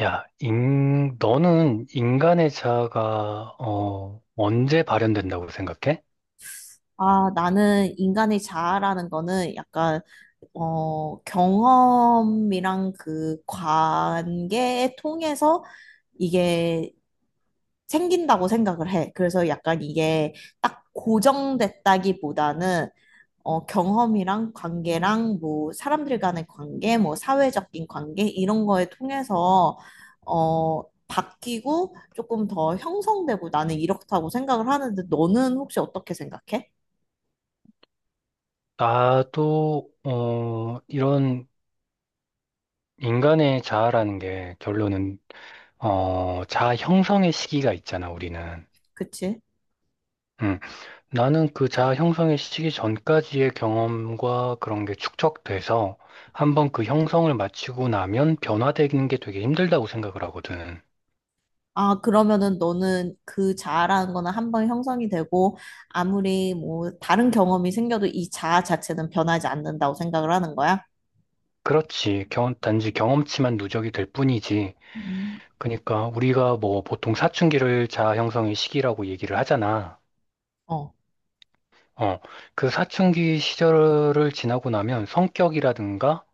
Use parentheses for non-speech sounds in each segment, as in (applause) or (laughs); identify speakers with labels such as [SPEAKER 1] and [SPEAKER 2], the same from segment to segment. [SPEAKER 1] 야, 너는 인간의 자아가, 언제 발현된다고 생각해?
[SPEAKER 2] 아, 나는 인간의 자아라는 거는 약간, 경험이랑 그 관계 통해서 이게 생긴다고 생각을 해. 그래서 약간 이게 딱 고정됐다기보다는, 경험이랑 관계랑 뭐 사람들 간의 관계, 뭐 사회적인 관계, 이런 거에 통해서, 어, 바뀌고 조금 더 형성되고 나는 이렇다고 생각을 하는데 너는 혹시 어떻게 생각해?
[SPEAKER 1] 나도, 이런 인간의 자아라는 게 결론은, 자아 형성의 시기가 있잖아, 우리는.
[SPEAKER 2] 그치?
[SPEAKER 1] 음, 나는 그 자아 형성의 시기 전까지의 경험과 그런 게 축적돼서 한번 그 형성을 마치고 나면 변화되는 게 되게 힘들다고 생각을 하거든.
[SPEAKER 2] 아, 그러면은 너는 그 자아라는 거는 한번 형성이 되고 아무리 뭐 다른 경험이 생겨도 이 자아 자체는 변하지 않는다고 생각을 하는 거야?
[SPEAKER 1] 그렇지. 단지 경험치만 누적이 될 뿐이지.
[SPEAKER 2] 음.
[SPEAKER 1] 그러니까 우리가 뭐 보통 사춘기를 자아 형성의 시기라고 얘기를 하잖아.
[SPEAKER 2] 어.
[SPEAKER 1] 어, 그 사춘기 시절을 지나고 나면 성격이라든가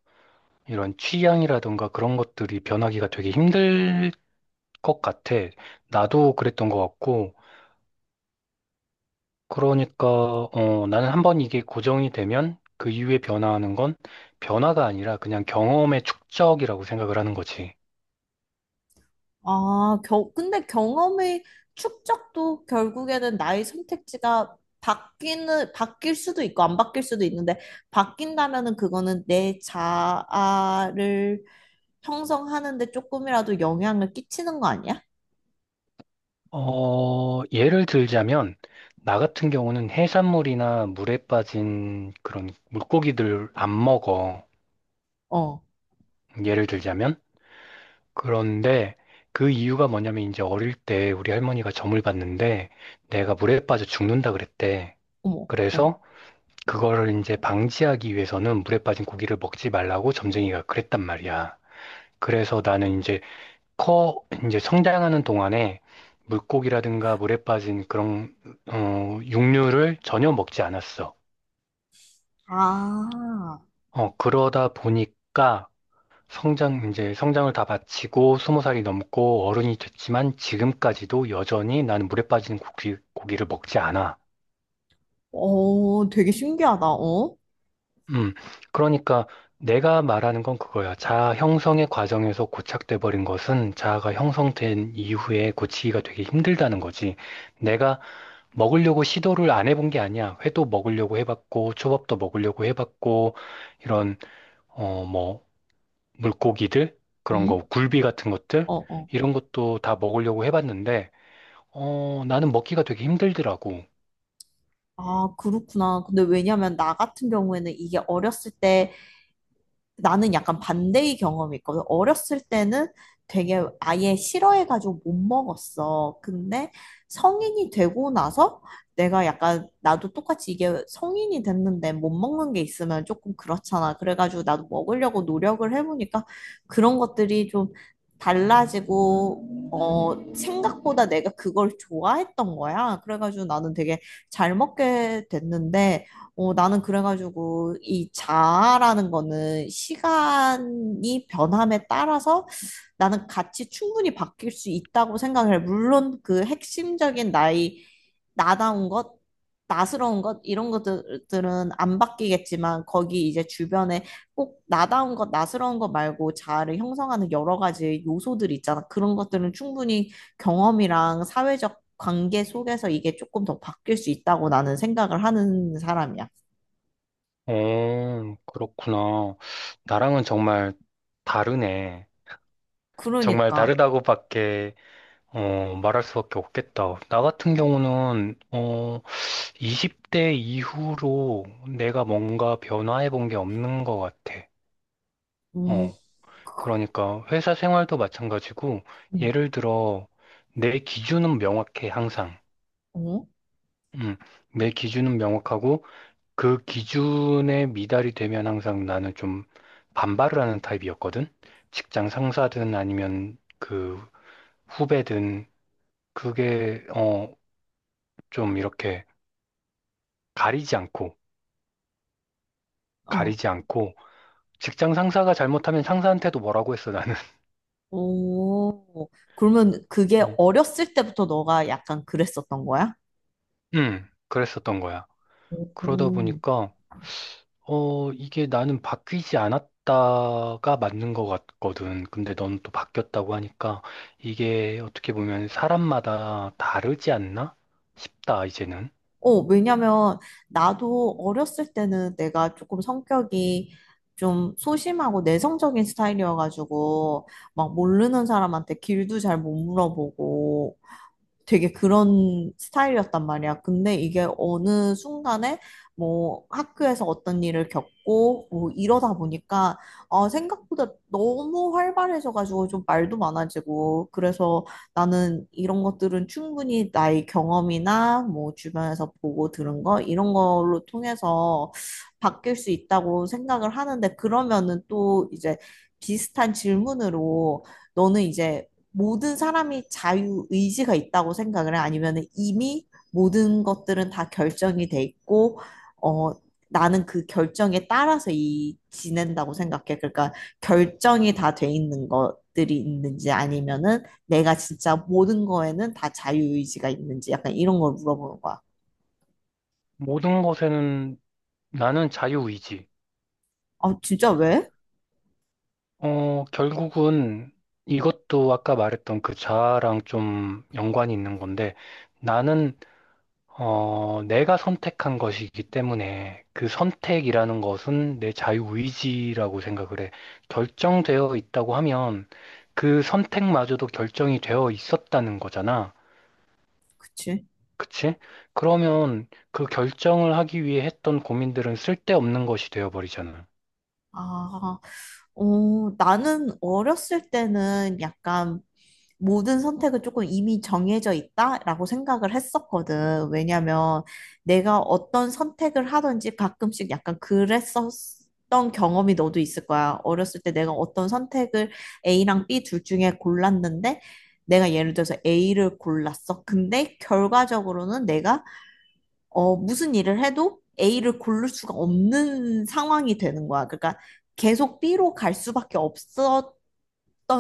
[SPEAKER 1] 이런 취향이라든가 그런 것들이 변하기가 되게 힘들 것 같아. 나도 그랬던 것 같고. 그러니까 나는 한번 이게 고정이 되면 그 이후에 변화하는 건 변화가 아니라 그냥 경험의 축적이라고 생각을 하는 거지.
[SPEAKER 2] 아, 근데 경험의 축적도 결국에는 나의 선택지가 바뀔 수도 있고 안 바뀔 수도 있는데 바뀐다면은 그거는 내 자아를 형성하는데 조금이라도 영향을 끼치는 거 아니야?
[SPEAKER 1] 예를 들자면, 나 같은 경우는 해산물이나 물에 빠진 그런 물고기들 안 먹어.
[SPEAKER 2] 어,
[SPEAKER 1] 예를 들자면. 그런데 그 이유가 뭐냐면 이제 어릴 때 우리 할머니가 점을 봤는데 내가 물에 빠져 죽는다 그랬대.
[SPEAKER 2] 어머, 응.
[SPEAKER 1] 그래서 그거를 이제 방지하기 위해서는 물에 빠진 고기를 먹지 말라고 점쟁이가 그랬단 말이야. 그래서 나는 이제 커 이제 성장하는 동안에 물고기라든가 물에 빠진 그런 육류를 전혀 먹지 않았어.
[SPEAKER 2] 아.
[SPEAKER 1] 그러다 보니까 성장 이제 성장을 다 마치고 스무 살이 넘고 어른이 됐지만 지금까지도 여전히 나는 물에 빠진 고기를 먹지 않아.
[SPEAKER 2] 어, 되게 신기하다. 어?
[SPEAKER 1] 음, 그러니까 내가 말하는 건 그거야. 자아 형성의 과정에서 고착돼 버린 것은 자아가 형성된 이후에 고치기가 되게 힘들다는 거지. 내가 먹으려고 시도를 안 해본 게 아니야. 회도 먹으려고 해봤고, 초밥도 먹으려고 해봤고, 이런, 뭐, 물고기들? 그런
[SPEAKER 2] 응?
[SPEAKER 1] 거, 굴비 같은 것들?
[SPEAKER 2] 어, 어.
[SPEAKER 1] 이런 것도 다 먹으려고 해봤는데, 나는 먹기가 되게 힘들더라고.
[SPEAKER 2] 아, 그렇구나. 근데 왜냐면 나 같은 경우에는 이게 어렸을 때 나는 약간 반대의 경험이 있거든. 어렸을 때는 되게 아예 싫어해가지고 못 먹었어. 근데 성인이 되고 나서 내가 약간 나도 똑같이 이게 성인이 됐는데 못 먹는 게 있으면 조금 그렇잖아. 그래가지고 나도 먹으려고 노력을 해보니까 그런 것들이 좀 달라지고, 생각보다 내가 그걸 좋아했던 거야. 그래가지고 나는 되게 잘 먹게 됐는데, 나는 그래가지고 이 자아라는 거는 시간이 변함에 따라서 나는 같이 충분히 바뀔 수 있다고 생각을 해. 물론 그 핵심적인 나의 나다운 것, 나스러운 것, 이런 것들은 안 바뀌겠지만 거기 이제 주변에 꼭 나다운 것, 나스러운 것 말고 자아를 형성하는 여러 가지 요소들이 있잖아. 그런 것들은 충분히 경험이랑 사회적 관계 속에서 이게 조금 더 바뀔 수 있다고 나는 생각을 하는 사람이야.
[SPEAKER 1] 어, 그렇구나. 나랑은 정말 다르네. 정말
[SPEAKER 2] 그러니까.
[SPEAKER 1] 다르다고밖에, 말할 수밖에 없겠다. 나 같은 경우는, 20대 이후로 내가 뭔가 변화해 본 게 없는 것 같아.
[SPEAKER 2] 음,
[SPEAKER 1] 어. 그러니까 회사 생활도 마찬가지고,
[SPEAKER 2] 음,
[SPEAKER 1] 예를 들어, 내 기준은 명확해, 항상.
[SPEAKER 2] 어?
[SPEAKER 1] 음, 내 기준은 명확하고, 그 기준에 미달이 되면 항상 나는 좀 반발을 하는 타입이었거든? 직장 상사든 아니면 그 후배든, 그게, 좀 이렇게 가리지 않고,
[SPEAKER 2] 어.
[SPEAKER 1] 가리지 않고, 직장 상사가 잘못하면 상사한테도 뭐라고 했어, 나는. (laughs)
[SPEAKER 2] 오. 그러면 그게
[SPEAKER 1] 어.
[SPEAKER 2] 어렸을 때부터 너가 약간 그랬었던 거야?
[SPEAKER 1] 그랬었던 거야. 그러다
[SPEAKER 2] 오.
[SPEAKER 1] 보니까, 이게 나는 바뀌지 않았다가 맞는 것 같거든. 근데 넌 또 바뀌었다고 하니까, 이게 어떻게 보면 사람마다 다르지 않나? 싶다, 이제는.
[SPEAKER 2] 어, 왜냐면 나도 어렸을 때는 내가 조금 성격이 좀 소심하고 내성적인 스타일이어가지고 막 모르는 사람한테 길도 잘 못 물어보고 되게 그런 스타일이었단 말이야. 근데 이게 어느 순간에 뭐 학교에서 어떤 일을 겪고 뭐 이러다 보니까 아, 생각보다 너무 활발해져가지고 좀 말도 많아지고 그래서 나는 이런 것들은 충분히 나의 경험이나 뭐 주변에서 보고 들은 거 이런 걸로 통해서 바뀔 수 있다고 생각을 하는데 그러면은 또 이제 비슷한 질문으로 너는 이제 모든 사람이 자유의지가 있다고 생각을 해? 아니면 이미 모든 것들은 다 결정이 돼 있고, 어, 나는 그 결정에 따라서 이 지낸다고 생각해. 그러니까 결정이 다 돼 있는 것들이 있는지 아니면은 내가 진짜 모든 거에는 다 자유의지가 있는지 약간 이런 걸 물어보는 거야.
[SPEAKER 1] 모든 것에는 나는 자유의지.
[SPEAKER 2] 아, 진짜 왜?
[SPEAKER 1] 결국은 이것도 아까 말했던 그 자아랑 좀 연관이 있는 건데, 나는 내가 선택한 것이기 때문에 그 선택이라는 것은 내 자유의지라고 생각을 해. 결정되어 있다고 하면 그 선택마저도 결정이 되어 있었다는 거잖아.
[SPEAKER 2] 그치?
[SPEAKER 1] 그치? 그러면 그 결정을 하기 위해 했던 고민들은 쓸데없는 것이 되어버리잖아.
[SPEAKER 2] 아, 어, 나는 어렸을 때는 약간 모든 선택은 조금 이미 정해져 있다라고 생각을 했었거든. 왜냐면 내가 어떤 선택을 하든지 가끔씩 약간 그랬었던 경험이 너도 있을 거야. 어렸을 때 내가 어떤 선택을 A랑 B 둘 중에 골랐는데 내가 예를 들어서 A를 골랐어. 근데 결과적으로는 내가 무슨 일을 해도 A를 고를 수가 없는 상황이 되는 거야. 그러니까 계속 B로 갈 수밖에 없었던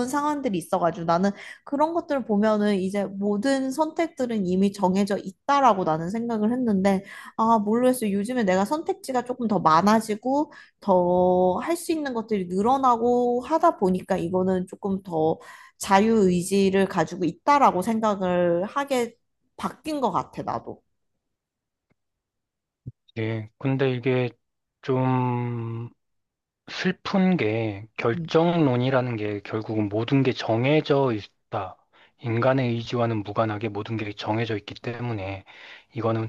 [SPEAKER 2] 상황들이 있어가지고 나는 그런 것들을 보면은 이제 모든 선택들은 이미 정해져 있다라고 나는 생각을 했는데 아, 모르겠어요. 요즘에 내가 선택지가 조금 더 많아지고 더 할 수 있는 것들이 늘어나고 하다 보니까 이거는 조금 더 자유의지를 가지고 있다라고 생각을 하게 바뀐 것 같아, 나도.
[SPEAKER 1] 예, 근데 이게 좀 슬픈 게
[SPEAKER 2] 음.
[SPEAKER 1] 결정론이라는 게 결국은 모든 게 정해져 있다. 인간의 의지와는 무관하게 모든 게 정해져 있기 때문에 이거는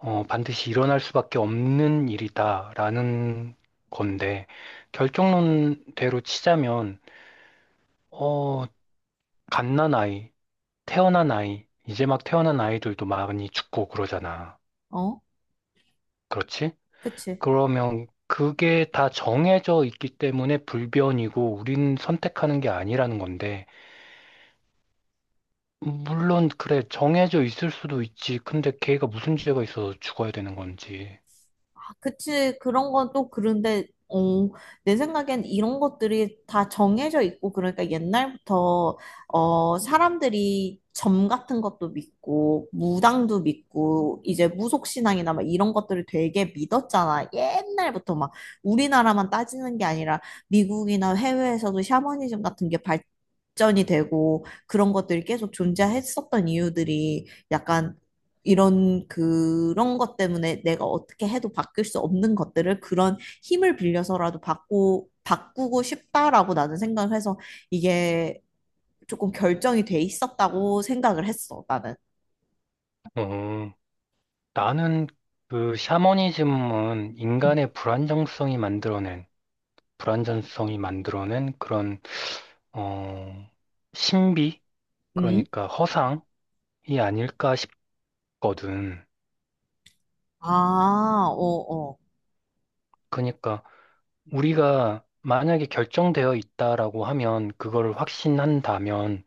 [SPEAKER 1] 반드시 일어날 수밖에 없는 일이다라는 건데 결정론대로 치자면 어, 갓난 아이, 태어난 아이, 이제 막 태어난 아이들도 많이 죽고 그러잖아.
[SPEAKER 2] 어?
[SPEAKER 1] 그렇지?
[SPEAKER 2] 그치.
[SPEAKER 1] 그러면 그게 다 정해져 있기 때문에 불변이고 우린 선택하는 게 아니라는 건데 물론 그래 정해져 있을 수도 있지. 근데 걔가 무슨 죄가 있어서 죽어야 되는 건지.
[SPEAKER 2] 아, 그치. 그런 건 또 그런데, 내 생각엔 이런 것들이 다 정해져 있고, 그러니까 옛날부터, 사람들이 점 같은 것도 믿고, 무당도 믿고, 이제 무속신앙이나 막 이런 것들을 되게 믿었잖아. 옛날부터 막 우리나라만 따지는 게 아니라 미국이나 해외에서도 샤머니즘 같은 게 발전이 되고, 그런 것들이 계속 존재했었던 이유들이 약간 이런 그런 것 때문에 내가 어떻게 해도 바뀔 수 없는 것들을 그런 힘을 빌려서라도 바꾸고 싶다라고 나는 생각을 해서 이게 조금 결정이 돼 있었다고 생각을 했어, 나는.
[SPEAKER 1] 어, 나는 그 샤머니즘은 인간의 불안정성이 만들어낸 그런 어, 신비?
[SPEAKER 2] 음.
[SPEAKER 1] 그러니까 허상이 아닐까 싶거든.
[SPEAKER 2] 아, 어, 어.
[SPEAKER 1] 그러니까 우리가 만약에 결정되어 있다라고 하면 그걸 확신한다면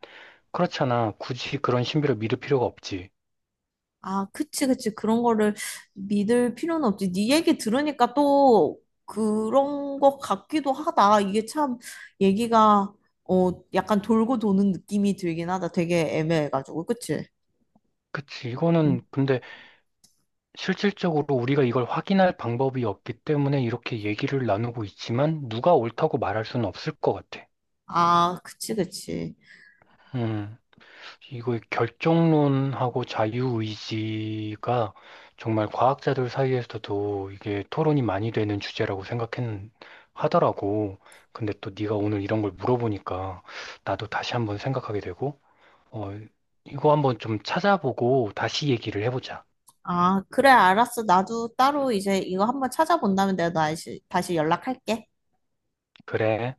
[SPEAKER 1] 그렇잖아. 굳이 그런 신비를 믿을 필요가 없지.
[SPEAKER 2] 아, 그치, 그치. 그런 거를 믿을 필요는 없지. 네 얘기 들으니까 또 그런 것 같기도 하다. 이게 참 얘기가 약간 돌고 도는 느낌이 들긴 하다. 되게 애매해가지고. 그치?
[SPEAKER 1] 그치. 이거는
[SPEAKER 2] 음.
[SPEAKER 1] 근데 실질적으로 우리가 이걸 확인할 방법이 없기 때문에 이렇게 얘기를 나누고 있지만 누가 옳다고 말할 수는 없을 것 같아.
[SPEAKER 2] 아, 그치, 그치.
[SPEAKER 1] 음, 이거 결정론하고 자유의지가 정말 과학자들 사이에서도 이게 토론이 많이 되는 주제라고 생각했 하더라고. 근데 또 네가 오늘 이런 걸 물어보니까 나도 다시 한번 생각하게 되고, 어, 이거 한번 좀 찾아보고 다시 얘기를 해보자.
[SPEAKER 2] 아, 그래, 알았어. 나도 따로 이제 이거 한번 찾아본 다음에 내가 다시 연락할게.
[SPEAKER 1] 그래.